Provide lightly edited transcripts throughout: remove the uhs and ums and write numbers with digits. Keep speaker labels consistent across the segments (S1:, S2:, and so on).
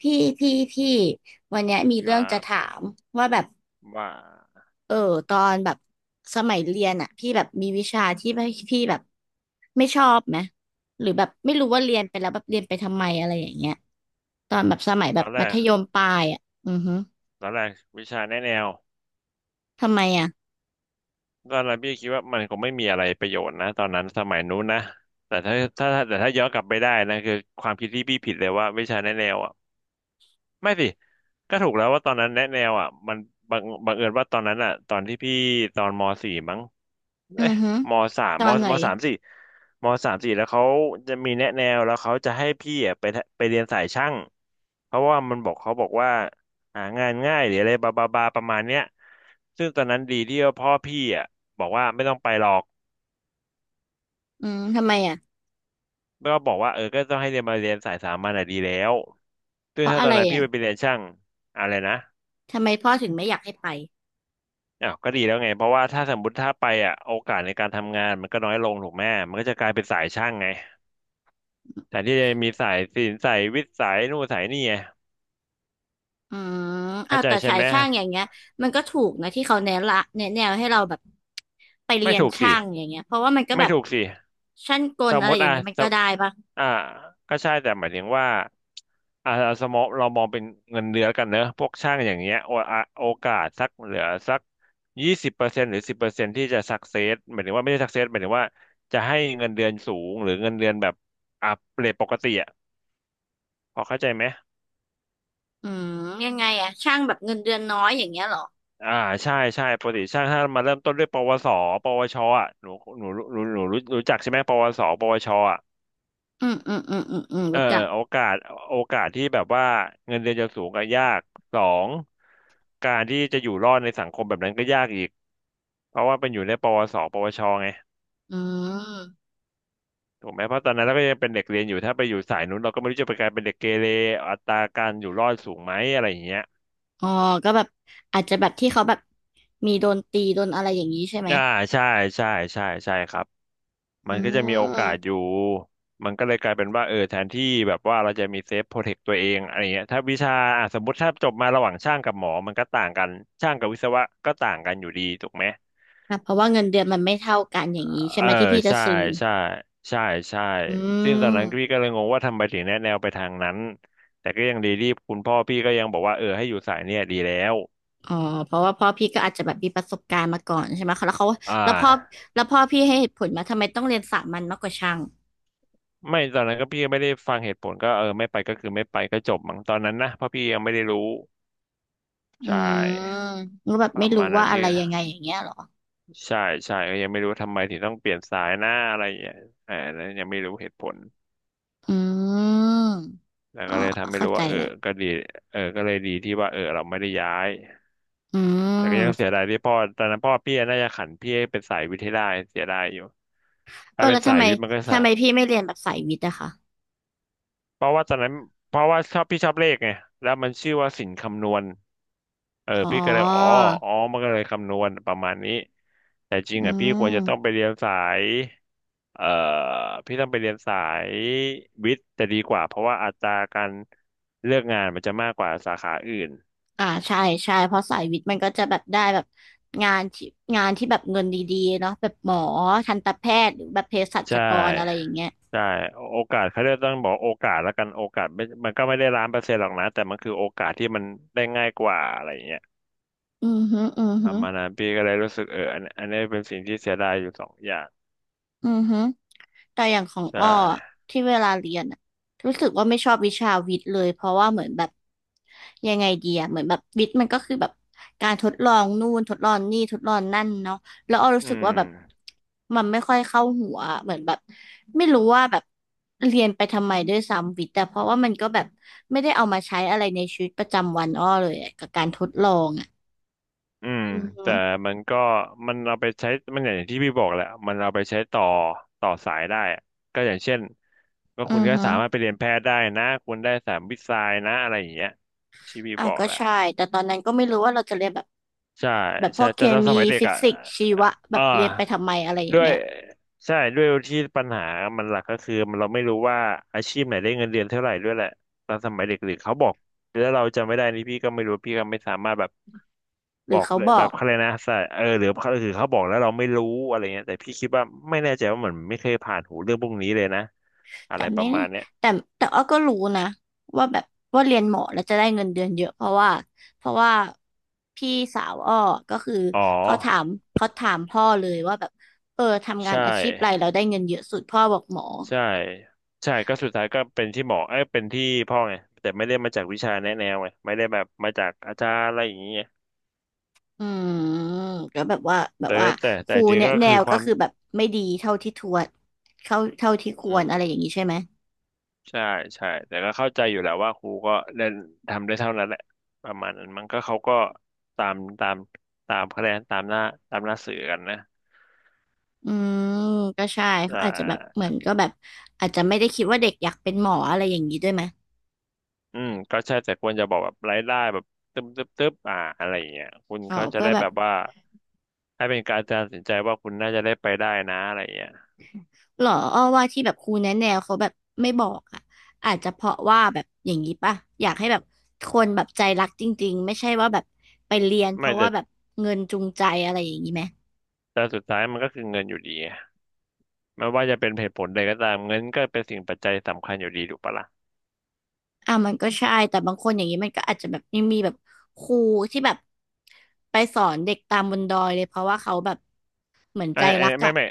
S1: พี่พี่วันเนี้ยมี
S2: ค
S1: เรื่
S2: รั
S1: องจะถา
S2: บ
S1: มว่าแบบ
S2: ว่า
S1: เออตอนแบบสมัยเรียนอ่ะพี่แบบมีวิชาที่ไม่พี่แบบไม่ชอบไหมหรือแบบไม่รู้ว่าเรียนไปแล้วแบบเรียนไปทำไมอะไรอย่างเงี้ยตอนแบบสมัย
S2: ต
S1: แบ
S2: อ
S1: บ
S2: นแร
S1: มัธ
S2: ก
S1: ยมปลายอ่ะอือฮึ
S2: ตอนแรกวิชาแนะแนว
S1: ทำไมอ่ะ
S2: ก็เราพี่คิดว่ามันคงไม่มีอะไรประโยชน์นะตอนนั้นสมัยนู้นนะแต่ถ้าย้อนกลับไปได้นะคือความคิดที่พี่ผิดเลยว่าวิชาแนะแนวอ่ะไม่สิก็ถูกแล้วว่าตอนนั้นแนะแนวอ่ะมันบังเอิญว่าตอนนั้นอ่ะตอนที่พี่ตอนม .4 มั้ง
S1: อื
S2: เอ๊ะ
S1: อฮึ
S2: มสาม
S1: ต
S2: ม
S1: อนไหน
S2: มสามสี่มสามสี่แล้วเขาจะมีแนะแนวแล้วเขาจะให้พี่อะไปทะไปเรียนสายช่างเพราะว่ามันบอกเขาบอกว่าหางานง่ายหรืออะไรบาบาบาประมาณเนี้ยซึ่งตอนนั้นดีที่ว่าพ่อพี่อ่ะบอกว่าไม่ต้องไปหรอก
S1: อืมทำไมอ่ะ
S2: แล้วก็บอกว่าเออก็ต้องให้เรียนมาเรียนสายสามัญอ่ะดีแล้วซึ่
S1: เพ
S2: ง
S1: ราะ
S2: ถ้า
S1: อะ
S2: ตอน
S1: ไร
S2: นั้นพี่
S1: อ่ะ
S2: ไปเรียนช่างอะไรนะ
S1: ทำไมพ่อถึงไม่อยากให้ไป
S2: อ้าวก็ดีแล้วไงเพราะว่าถ้าสมมติถ้าไปอ่ะโอกาสในการทำงานมันก็น้อยลงถูกไหมมันก็จะกลายเป็นสายช่างไง แต่ที่มีสายศิลป์สายวิทย์สายนู่นสายนี่ไง
S1: อืมอ้า
S2: เข้า
S1: ว
S2: ใจ
S1: แต่
S2: ใช่
S1: สาย
S2: ไหม
S1: ช่างอย่างเงี้ยมันก็ถูกนะที่เขาแนะละแนะแนวให้เราแบบไปเรี
S2: ไม่
S1: ยน
S2: ถูกสิ
S1: ช่างอย่างเงี้ยเพราะว่ามันก็แบ
S2: ไม่
S1: บ
S2: ถูกสิ
S1: ช่างก
S2: ส
S1: ล
S2: ม
S1: อะ
S2: ม
S1: ไร
S2: ติ
S1: อย่าง
S2: อ่ะ
S1: เงี้ยมัน
S2: ส
S1: ก็
S2: ม
S1: ได้ปะ
S2: อ่าก็ใช่แต่หมายถึงว่าอ่าสมมติเรามองเป็นเงินเดือนกันเนอะพวกช่างอย่างเงี้ยโออ่ะโอกาสสักเหลือสัก20%หรือสิบเปอร์เซ็นต์ที่จะสักเซสหมายถึงว่าไม่ได้สักเซสหมายถึงว่าจะให้เงินเดือนสูงหรือเงินเดือนแบบอ่ะเรทปกติอ่ะพอเข้าใจไหม
S1: อืมยังไงอะช่างแบบเงินเดือนน้อยอย่างเงี้ยเหรอ
S2: อ่าใช่ใช่ปกติช่างถ้ามาเริ่มต้นด้วยปวสปวชอ่ะหนูหนูรู้จักใช่ไหมปวสปวชอ่ะ
S1: อืม
S2: เออ
S1: รู้จัก
S2: อโอกาสโอกาสที่แบบว่าเงินเดือนจะสูงก็ยากสองการที่จะอยู่รอดในสังคมแบบนั้นก็ยากอีกเพราะว่าเป็นอยู่ในปวสปวชไง
S1: อืม
S2: ถูกไหมเพราะตอนนั้นเราก็ยังเป็นเด็กเรียนอยู่ถ้าไปอยู่สายนู้นเราก็ไม่รู้จะไปกลายเป็นเด็กเกเรอัตราการอยู่รอดสูงไหมอะไรอย่างเงี้ย
S1: อ๋อก็แบบอาจจะแบบที่เขาแบบมีโดนตีโดนอะไรอย่างนี้ใช่ไหม
S2: อ่าใช่ใช่ใช่ใช่ครับ
S1: อื
S2: มันก็จะมีโอกาสอ
S1: ม
S2: ยู่ มันก็เลยกลายเป็นว่าเออแทนที่แบบว่าเราจะมีเซฟโปรเทคตัวเองอะไรเงี้ยถ้าวิชาอ่ะสมมติถ้าจบมาระหว่างช่างกับหมอมันก็ต่างกันช่างกับวิศวะก็ต่างกันอยู่ดีถูกไหม
S1: แบบเพราะว่าเงินเดือนมันไม่เท่ากันอย่างนี้ใช่
S2: เอ
S1: ไห
S2: อ
S1: มที่พี่จะ
S2: ใช่
S1: ซื้อ
S2: ใช่ใช่ใช่
S1: อื
S2: ซึ่งตอนนั้นพี่
S1: ม
S2: ก็เลยงงว่าทำไมถึงแนะแนวไปทางนั้นแต่ก็ยังดีที่คุณพ่อพี่ก็ยังบอกว่าเออให้อยู่สายเนี่ยดีแล้ว
S1: อ๋อเพราะว่าพ่อพี่ก็อาจจะแบบมีประสบการณ์มาก่อนใช่ไหมคะแล้วเขา
S2: อ่
S1: แล้วพ่อ
S2: า
S1: แล้วพ่อพี่ให้เหตุผลมาทำไมต้องเรียนสามัญมากกว่าช่าง
S2: ไม่ตอนนั้นก็พี่ก็ไม่ได้ฟังเหตุผลก็เออไม่ไปก็คือไม่ไปก็จบมั้งตอนนั้นนะเพราะพี่ยังไม่ได้รู้
S1: อื
S2: ใช
S1: ม
S2: ่
S1: แล้วแบบ
S2: ป
S1: ไม่
S2: ระ
S1: รู้
S2: มาณนั้
S1: ว่า
S2: น
S1: อะ
S2: พี่
S1: ไรยังไงอย่างเงี้ยเหรอ
S2: ใช่ใช่ก็ยังไม่รู้ว่าทำไมถึงต้องเปลี่ยนสายหน้าอะไรอย่างเงี้ยอ่าแล้วยังไม่รู้เหตุผล
S1: อืม
S2: แล้ว
S1: อ๋อ
S2: ก็เลยทำไม่
S1: เข้า
S2: รู้
S1: ใจ
S2: ว่าเออ
S1: แล้ว
S2: ก็ดีเออก็เลยดีที่ว่าเออเราไม่ได้ย้าย
S1: อื
S2: แต่ก็ยังเสี
S1: ม
S2: ยดายที่พ่อตอนนั้นพ่อพี่น่าจะขันพี่ให้เป็นสายวิทย์ให้ได้เสียดายอยู่ถ้าเป็
S1: แล้
S2: น
S1: ว
S2: สา
S1: ทำ
S2: ย
S1: ไม
S2: วิทย์มันก็สะ
S1: ทำไมพี่ไม่เรียนแบบสายวิทย์อะคะ
S2: เพราะว่าตอนนั้นเพราะว่าชอบพี่ชอบเลขไงแล้วมันชื่อว่าสินคำนวณ เออ
S1: อ๋อ
S2: พี่ก็เลยอ๋ออ๋อมันก็เลยคำนวณประมาณนี้แต่จริง
S1: อื
S2: อ่ะพี่ควรจะต้องไป
S1: ม
S2: เรียนสายเอ่อพี่ต้องไปเรียนสายวิทย์จะดีกว่าเพราะว่าอัตราการเลือกงานมันจะมากกว่าสาขาอื่น
S1: อ่าใช่ใช่เพราะสายวิทย์มันก็จะแบบได้แบบงานที่งานที่แบบเงินดีๆเนาะแบบหมอทันตแพทย์หรือแบบเภสัช
S2: ใช่
S1: กรอะไรอย่างเงี้ย
S2: ใช่โอกาสเขาเรียกต้องบอกโอกาสแล้วกันโอกาสไม่มันก็ไม่ได้1,000,000%หรอกนะแต่มันคือโอกาสที่มันได้ง่ายกว่าอะไรอย่างเงี้ย
S1: อือฮึอือ
S2: ป
S1: ฮึ
S2: ระมาณนั้นพี่ก็เลยรู้สึกเอออันนี้เป็นสิ่งที่เสียดายอยู่สองอย่าง
S1: อือฮึแต่อย่างของ
S2: ใช่
S1: อ้ออะที่เวลาเรียนอะรู้สึกว่าไม่ชอบวิชาวิทย์เลยเพราะว่าเหมือนแบบยังไงดีอะเหมือนแบบวิทย์มันก็คือแบบการทดลองนู่นทดลองนี่ทดลองนั่นเนาะแล้วอ้อรู้
S2: อื
S1: สึกว่าแบบ
S2: ม
S1: มันไม่ค่อยเข้าหัวเหมือนแบบไม่รู้ว่าแบบเรียนไปทำไมด้วยซ้ำวิทย์แต่เพราะว่ามันก็แบบไม่ได้เอามาใช้อะไรในชีวิตประจำวันอ้อเลยอะกับการทดลองอะ
S2: อืม
S1: อือฮึ
S2: แต่มันก็มันเอาไปใช้มันอย่างที่พี่บอกแหละมันเอาไปใช้ต่อต่อสายได้อะก็อย่างเช่นก็คุ
S1: อื
S2: ณ
S1: อ
S2: ก็
S1: ฮึ
S2: สามารถไปเรียนแพทย์ได้นะคุณได้สามวิทย์ไซน์นะอะไรอย่างเงี้ยที่พี่
S1: อ่ะ
S2: บอก
S1: ก็
S2: แหละ
S1: ใช่แต่ตอนนั้นก็ไม่รู้ว่าเราจะเรียนแบบ
S2: ใช่
S1: แบบพ
S2: ใช่
S1: วกเค
S2: แต่ตอนส
S1: มี
S2: มัยเด็ก
S1: ฟิ
S2: อ่ะ
S1: สิกส์ชีวะแบ
S2: อ่า
S1: บเรียนไปทำไมอะไรอย่า
S2: ด้
S1: ง
S2: วย
S1: เงี้ย
S2: ใช่ด้วยที่ปัญหามันหลักก็คือเราไม่รู้ว่าอาชีพไหนได้เงินเดือนเท่าไหร่ด้วยแหละตอนสมัยเด็กหรือเขาบอกแล้วเราจำไม่ได้นี่พี่ก็ไม่รู้พี่ก็ไม่สามารถแบบ
S1: ห
S2: บ
S1: รือ
S2: อก
S1: เขา
S2: ได้
S1: บอ
S2: แบบ
S1: ก
S2: อะไรยกนะใช่เออหรือหราือเขาบอกแล้วเราไม่รู้อะไรเงี้ยแต่พี่คิดว่าไม่แน่ใจว่าเหมือนไม่เคยผ่านหูเรื่องพวกนี้เลยนะอะ
S1: แต่
S2: ไรป
S1: ไม่
S2: ระมาณเนี้ย
S1: แต่แต่อ้อก็รู้นะว่าแบบว่าเรียนหมอแล้วจะได้เงินเดือนเยอะเพราะว่าพี่สาวอ้อก็คือ
S2: อ๋อ
S1: เขาถามเขาถามพ่อเลยว่าแบบทำงาน
S2: ใช่
S1: อาชีพอะไรเราได้เงินเยอะสุดพ่อบอกหมอ
S2: ใช่ใช่ก็สุดท้ายก็เป็นที่หมอเอ้ยเป็นที่พ่อไงแต่ไม่ได้มาจากวิชาแนะแนวไงไม่ได้แบบมาจากอาจารย์อะไรอย่างเงี้ย
S1: อืมแล้วแบบว่าแบบ
S2: แต่
S1: ว่า
S2: แต่
S1: ค
S2: แต่
S1: รู
S2: จริง
S1: เนี่ย
S2: ก็
S1: แน
S2: คือ
S1: ว
S2: ค
S1: ก็
S2: วาม
S1: คือแบบไม่ดีเท่าที่ทวดเท่าที่คว
S2: อื
S1: ร
S2: ม
S1: อะไรอย่างนี้ใช่ไหม
S2: ใช่ใช่แต่ก็เข้าใจอยู่แหล้วว่าครูก็เล่นทำได้เท่านั้นแหละประมาณนั้นมันเขาก็ตามตามคะแนนตามหน้าตามหน้าสื่อกันนะ
S1: อืมก็ใช่
S2: อ่
S1: เขาอาจจะแบบเหมื
S2: า
S1: อนก็แบบอาจจะไม่ได้คิดว่าเด็กอยากเป็นหมออะไรอย่างนี้ด้วยไหม
S2: อืมก็ใช่แต่ควรจะบอกแบบรายได้แบบตึ๊บตึ๊บตึ๊บอะไรอย่างเงี้ยคุณ
S1: อ๋อ
S2: เขาจะ
S1: เพื่อ
S2: ได้
S1: แบ
S2: แบ
S1: บ
S2: บว่าให้เป็นการตัดสินใจว่าคุณน่าจะได้ไปได้นะอะไรอย่างเงี้ย
S1: หรออ้อว่าที่แบบครูแนะแนวเขาแบบไม่บอกอ่ะอาจจะเพราะว่าแบบอย่างนี้ป่ะอยากให้แบบคนแบบใจรักจริงๆไม่ใช่ว่าแบบไปเรียนเพ
S2: ไม่
S1: ราะ
S2: แต่
S1: ว่าแบบเงินจูงใจอะไรอย่างนี้ไหม
S2: แต่สุดท้ายมันก็คือเงินอยู่ดีไงไม่ว่าจะเป็นเหตุผลใดก็ตามเงินก็เป็นสิ่งปัจจัยสำคัญอยู่ดีถูกปะล่ะ
S1: อ่ะมันก็ใช่แต่บางคนอย่างนี้มันก็อาจจะแบบยังมีแบบครูที่แบบไปสอนเด็กตามบนดอยเลยเพราะว่าเขาแบบเหมือนใจรัก
S2: ไม่
S1: อ่ะ
S2: ไม่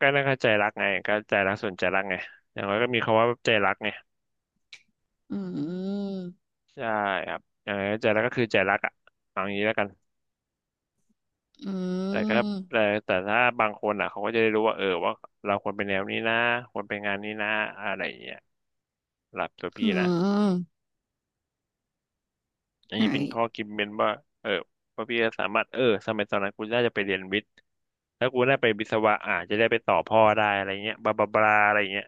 S2: ก็น่าเข้าใจรักไงก็ใจรักส่วนใจรักไงอย่างน้อยก็มีคำว่าใจรักไง
S1: อืม
S2: ใช่ครับอย่างน้อยใจรักก็คือใจรักอ่ะเอาอย่างนี้แล้วกัน
S1: อื
S2: แต่ก็แต่
S1: ม
S2: แต่ถ้าบางคนอ่ะเขาก็จะได้รู้ว่าเออว่าเราควรเป็นแนวนี้นะควรเป็นงานนี้นะอะไรอย่างเงี้ยสำหลับตัว
S1: อื
S2: พี่นะ
S1: ม
S2: อัน
S1: ใช่
S2: นี้เป็นข้อคิดเป็นว่าเออว่าพี่จะสามารถเออสมัยตอนนั้นกูน่าจะไปเรียนวิทย์ แล้วกูได้ไปวิศวะอาจจะได้ไปต่อพ่อได้อะไรเงี้ยบลาบลาบลาอะไรเงี้ย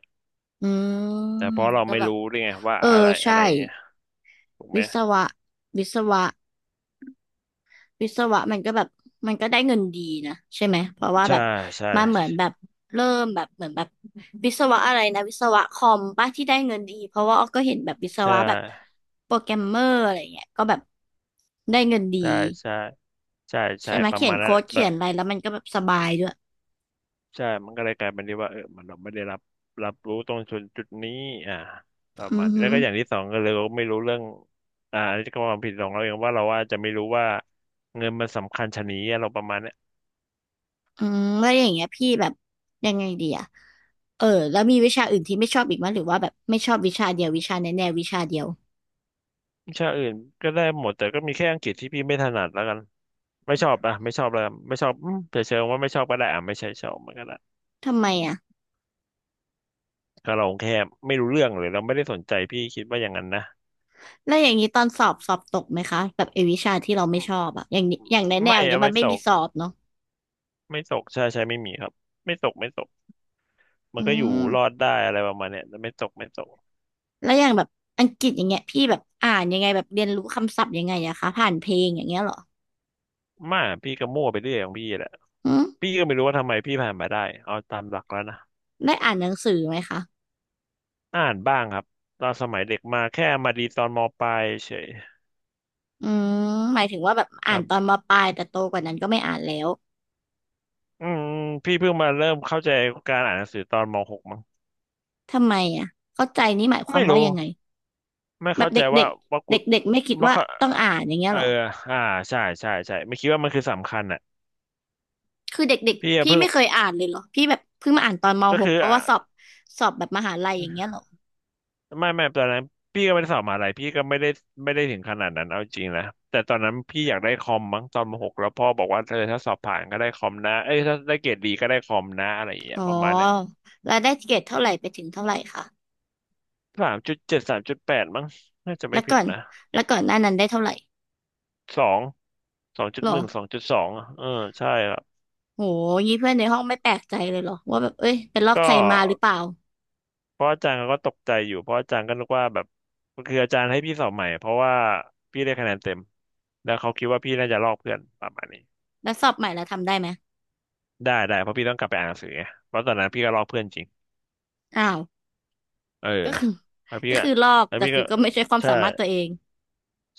S1: อืม
S2: แต่เพราะเรา
S1: ก็
S2: ไม่
S1: แบบ
S2: รู้ด้วยไงว่า
S1: เออ
S2: อะไรอะ
S1: ใช่
S2: ไรเงี้ยถูกไหม
S1: วิศวะวิศวะวิศวะมันก็แบบมันก็ได้เงินดีนะใช่ไหมเพราะว่าแบ
S2: ใช่
S1: บ
S2: ใช่
S1: มันเหมือนแบบเริ่มแบบเหมือนแบบวิศวะอะไรนะวิศวะคอมป้าที่ได้เงินดีเพราะว่าอ้อก็เห็นแบบวิศ
S2: ใช่
S1: วะแบบโปรแกรมเมอร์อะไรเงี้ยก็แบบได้เงินดี
S2: ใช่ใช่ใช่ใช่
S1: ใช่ไหม
S2: ประ
S1: เขีย
S2: มา
S1: น
S2: ณนั้น
S1: โค้
S2: แห
S1: ด
S2: ละแบ
S1: เขีย
S2: บ
S1: นอะไรแล้วมันก็แบบสบายด้วย
S2: ใช่มันก็เลยกลายเป็นที่ว่าเออเราไม่ได้รับรับรู้ตรงจุดนี้อ่าประ
S1: อื
S2: มาณ
S1: อ
S2: แล้
S1: ฮึ
S2: วก็อย่างที่สองก็เลยเราไม่รู้เรื่องอันนี้ก็ความผิดของเราเองว่าเราว่าจจะไม่รู้ว่าเงินมันสำคัญชะนี้อะเราประมาณน้
S1: อืมแล้วอย่างเงี้ยพี่แบบยังไงดีอะเออแล้วมีวิชาอื่นที่ไม่ชอบอีกไหมยหรือว่าแบบไม่ชอบวิชาเดียววิชาแน่ๆวิชาเดียว
S2: วิชาอื่นก็ได้หมดแต่ก็มีแค่อังกฤษที่พี่ไม่ถนัดแล้วกันไม่ชอบอ่ะไม่ชอบแล้วกันไม่ชอบอืมจะเชิงว่าไม่ชอบก็ได้อ่ะไม่ใช่ชอบมันก็ได้
S1: ทำไมอะ
S2: ก็เราแค่ไม่รู้เรื่องเลยเราไม่ได้สนใจพี่คิดว่าอย่างนั้นนะ
S1: แล้วอย่างนี้ตอนสอบสอบตกไหมคะแบบไอ้วิชาที่เรา
S2: อื
S1: ไม่
S2: ม
S1: ชอบอะอย่างนี้อย่างแน่ๆ
S2: ไม่
S1: อย่างเงี้
S2: อะ
S1: ยมั
S2: ไม่
S1: นไม่
S2: ต
S1: มี
S2: ก
S1: สอบเนาะ
S2: ไม่ตกใช่ใช่ไม่มีครับไม่ตกไม่ตกมัน
S1: อื
S2: ก็อยู่
S1: ม
S2: รอดได้อะไรประมาณเนี้ยแต่ไม่ตกไม่ตก
S1: แล้วอย่างแบบอังกฤษอย่างเงี้ยพี่แบบอ่านยังไงแบบเรียนรู้คำศัพท์ยังไงอะคะผ่านเพลงอย่างเงี้ยเหรอ
S2: มาพี่ก็มั่วไปเรื่อยของพี่แหละ
S1: อืม
S2: พี่ก็ไม่รู้ว่าทำไมพี่ผ่านมาได้เอาตามหลักแล้วนะ
S1: ได้อ่านหนังสือไหมคะ
S2: อ่านบ้างครับตอนสมัยเด็กมาแค่มาดีตอนมปลายเฉย
S1: อืมหมายถึงว่าแบบอ่านตอนมปลายแต่โตกว่านั้นก็ไม่อ่านแล้ว
S2: อืมพี่เพิ่งมาเริ่มเข้าใจการอ่านหนังสือตอนมหกมั้ง
S1: ทำไมอะเข้าใจนี่หมายความ
S2: ไม่
S1: ว่า
S2: รู้
S1: ยังไง
S2: ไม่
S1: แบบ
S2: เข้าใจ
S1: เด็กๆเด็
S2: ว่า
S1: ก
S2: ว่า
S1: เด
S2: กู
S1: ็กๆไม่คิด
S2: ว่า
S1: ว่า
S2: เขา
S1: ต้องอ่านอย่างเงี้ย
S2: เออ
S1: เหรอ
S2: อ่าใช่ใช่ใช่ไม่คิดว่ามันคือสำคัญอ่ะ
S1: คือเด็ก
S2: พี่
S1: ๆ
S2: อะ
S1: พี่
S2: เพิ่ง
S1: ไม่เคยอ่านเลยเหรอพี่แบบเพิ่งมาอ่านตอนม
S2: ก็
S1: หก
S2: คือ
S1: เพราะ
S2: อ่ะ
S1: ว่าสอบสอบแบบมหาลัยอย่างเงี้ยเหรอ
S2: ไม่ไม่ตอนนั้นพี่ก็ไม่ได้สอบมหาลัยพี่ก็ไม่ได้ไม่ได้ถึงขนาดนั้นเอาจริงนะแต่ตอนนั้นพี่อยากได้คอมมั้งตอนมหกแล้วพ่อบอกว่าเธอถ้าสอบผ่านก็ได้คอมนะเอ้ยถ้าได้เกรดดีก็ได้คอมนะอะไรอย่างเงี้ย
S1: อ๋อ
S2: ประมาณเนี้ย
S1: แล้วได้เกรดเท่าไหร่ไปถึงเท่าไหร่คะ
S2: สามจุดเจ็ดสามจุดแปดมั้งน่าจะไม่
S1: แล้ว
S2: ผิ
S1: ก่อ
S2: ด
S1: น
S2: นะ
S1: แล้วก่อนหน้านั้นได้เท่าไหร่
S2: สองสองจุด
S1: เหร
S2: ห
S1: อ
S2: นึ่งสองจุดสองเออใช่ครับ
S1: โหงี้เพื่อนในห้องไม่แปลกใจเลยเหรอว่าแบบเอ้ยเป็นลอก
S2: ก็
S1: ใครมาหรือเปล่า
S2: เพราะอาจารย์เขาก็ตกใจอยู่เพราะอาจารย์ก็นึกว่าแบบคืออาจารย์ให้พี่สอบใหม่เพราะว่าพี่ได้คะแนนเต็มแล้วเขาคิดว่าพี่น่าจะลอกเพื่อนประมาณนี้
S1: แล้วสอบใหม่แล้วทำได้ไหม
S2: ได้ได้เพราะพี่ต้องกลับไปอ่านหนังสือไงเพราะตอนนั้นพี่ก็ลอกเพื่อนจริง
S1: อ้าว
S2: เออ
S1: ก็คือ
S2: แล้ว พี่
S1: ก็
S2: ก็
S1: คือลอก
S2: แล้ว
S1: แต่
S2: พี่
S1: คื
S2: ก็
S1: อก็ไม่ใช่ความ
S2: ใช่
S1: สามารถตัวเอง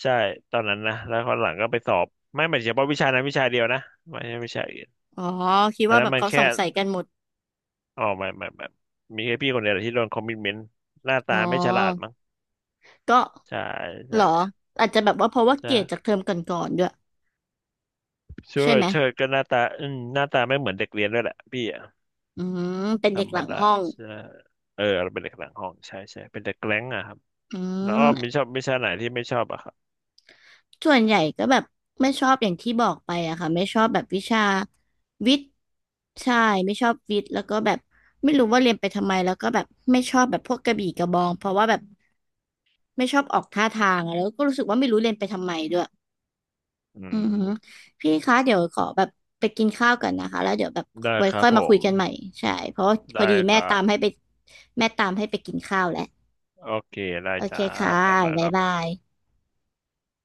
S2: ใช่ตอนนั้นนะแล้วคนหลังก็ไปสอบไม่ไม่เฉพาะวิชานั้นวิชาเดียวนะไม่ใช่วิชาอื่น
S1: อ๋อคิด
S2: อัน
S1: ว่า
S2: นั้
S1: แบ
S2: น
S1: บ
S2: มัน
S1: เขาส
S2: แค่
S1: งสัยกันหมด
S2: อ๋อไม่มีแค่พี่คนเดียวแหละที่โดนคอมมิชเมนต์หน้าตา
S1: อ๋อ
S2: ไม่ฉลาดมั้ง
S1: ก็
S2: ใช่
S1: เหร
S2: ใช่
S1: ออาจจะแบบว่าเพราะว่าเกรดจาก
S2: ใช่
S1: เทอมก่อนๆด้วย
S2: เชิ
S1: ใช่
S2: ด
S1: ไหม
S2: เชิดก็หน้าตาอืมหน้าตาไม่เหมือนเด็กเรียนด้วยแหละพี่อะ
S1: อืมเป็น
S2: ธร
S1: เด็ก
S2: รม
S1: หลัง
S2: ดา
S1: ห้อง
S2: ใช่เออเราเป็นเด็กหลังห้องใช่ใช่เป็นเด็กแกล้งอะครับ
S1: อื
S2: แล้วอ้อมมี
S1: ม
S2: ชอบวิชาไหนที่ไม่ชอบอะครับ
S1: ส่วนใหญ่ก็แบบไม่ชอบอย่างที่บอกไปอะค่ะไม่ชอบแบบวิชาวิทย์ใช่ไม่ชอบวิทย์แล้วก็แบบไม่รู้ว่าเรียนไปทำไมแล้วก็แบบไม่ชอบแบบพวกกระบี่กระบองเพราะว่าแบบไม่ชอบออกท่าทางอะแล้วก็รู้สึกว่าไม่รู้เรียนไปทำไมด้วย
S2: อื
S1: อือหือ
S2: ม
S1: พี่คะเดี๋ยวขอแบบไปกินข้าวกันนะคะแล้วเดี๋ยวแบบ
S2: ได้
S1: ไว้
S2: ครั
S1: ค่
S2: บ
S1: อย
S2: ผ
S1: มาคุ
S2: ม
S1: ยกันใหม่ใช่เพราะว่าพอ
S2: ได้
S1: ดี
S2: ค
S1: แม่
S2: รั
S1: ตา
S2: บ
S1: มให้ไปแม่ตามให้ไปกินข้าวแล้ว
S2: โอเคได้
S1: โอเค
S2: จ้า
S1: ค่ะ
S2: บ๊ายบายค
S1: บ๊าย
S2: รับ
S1: บาย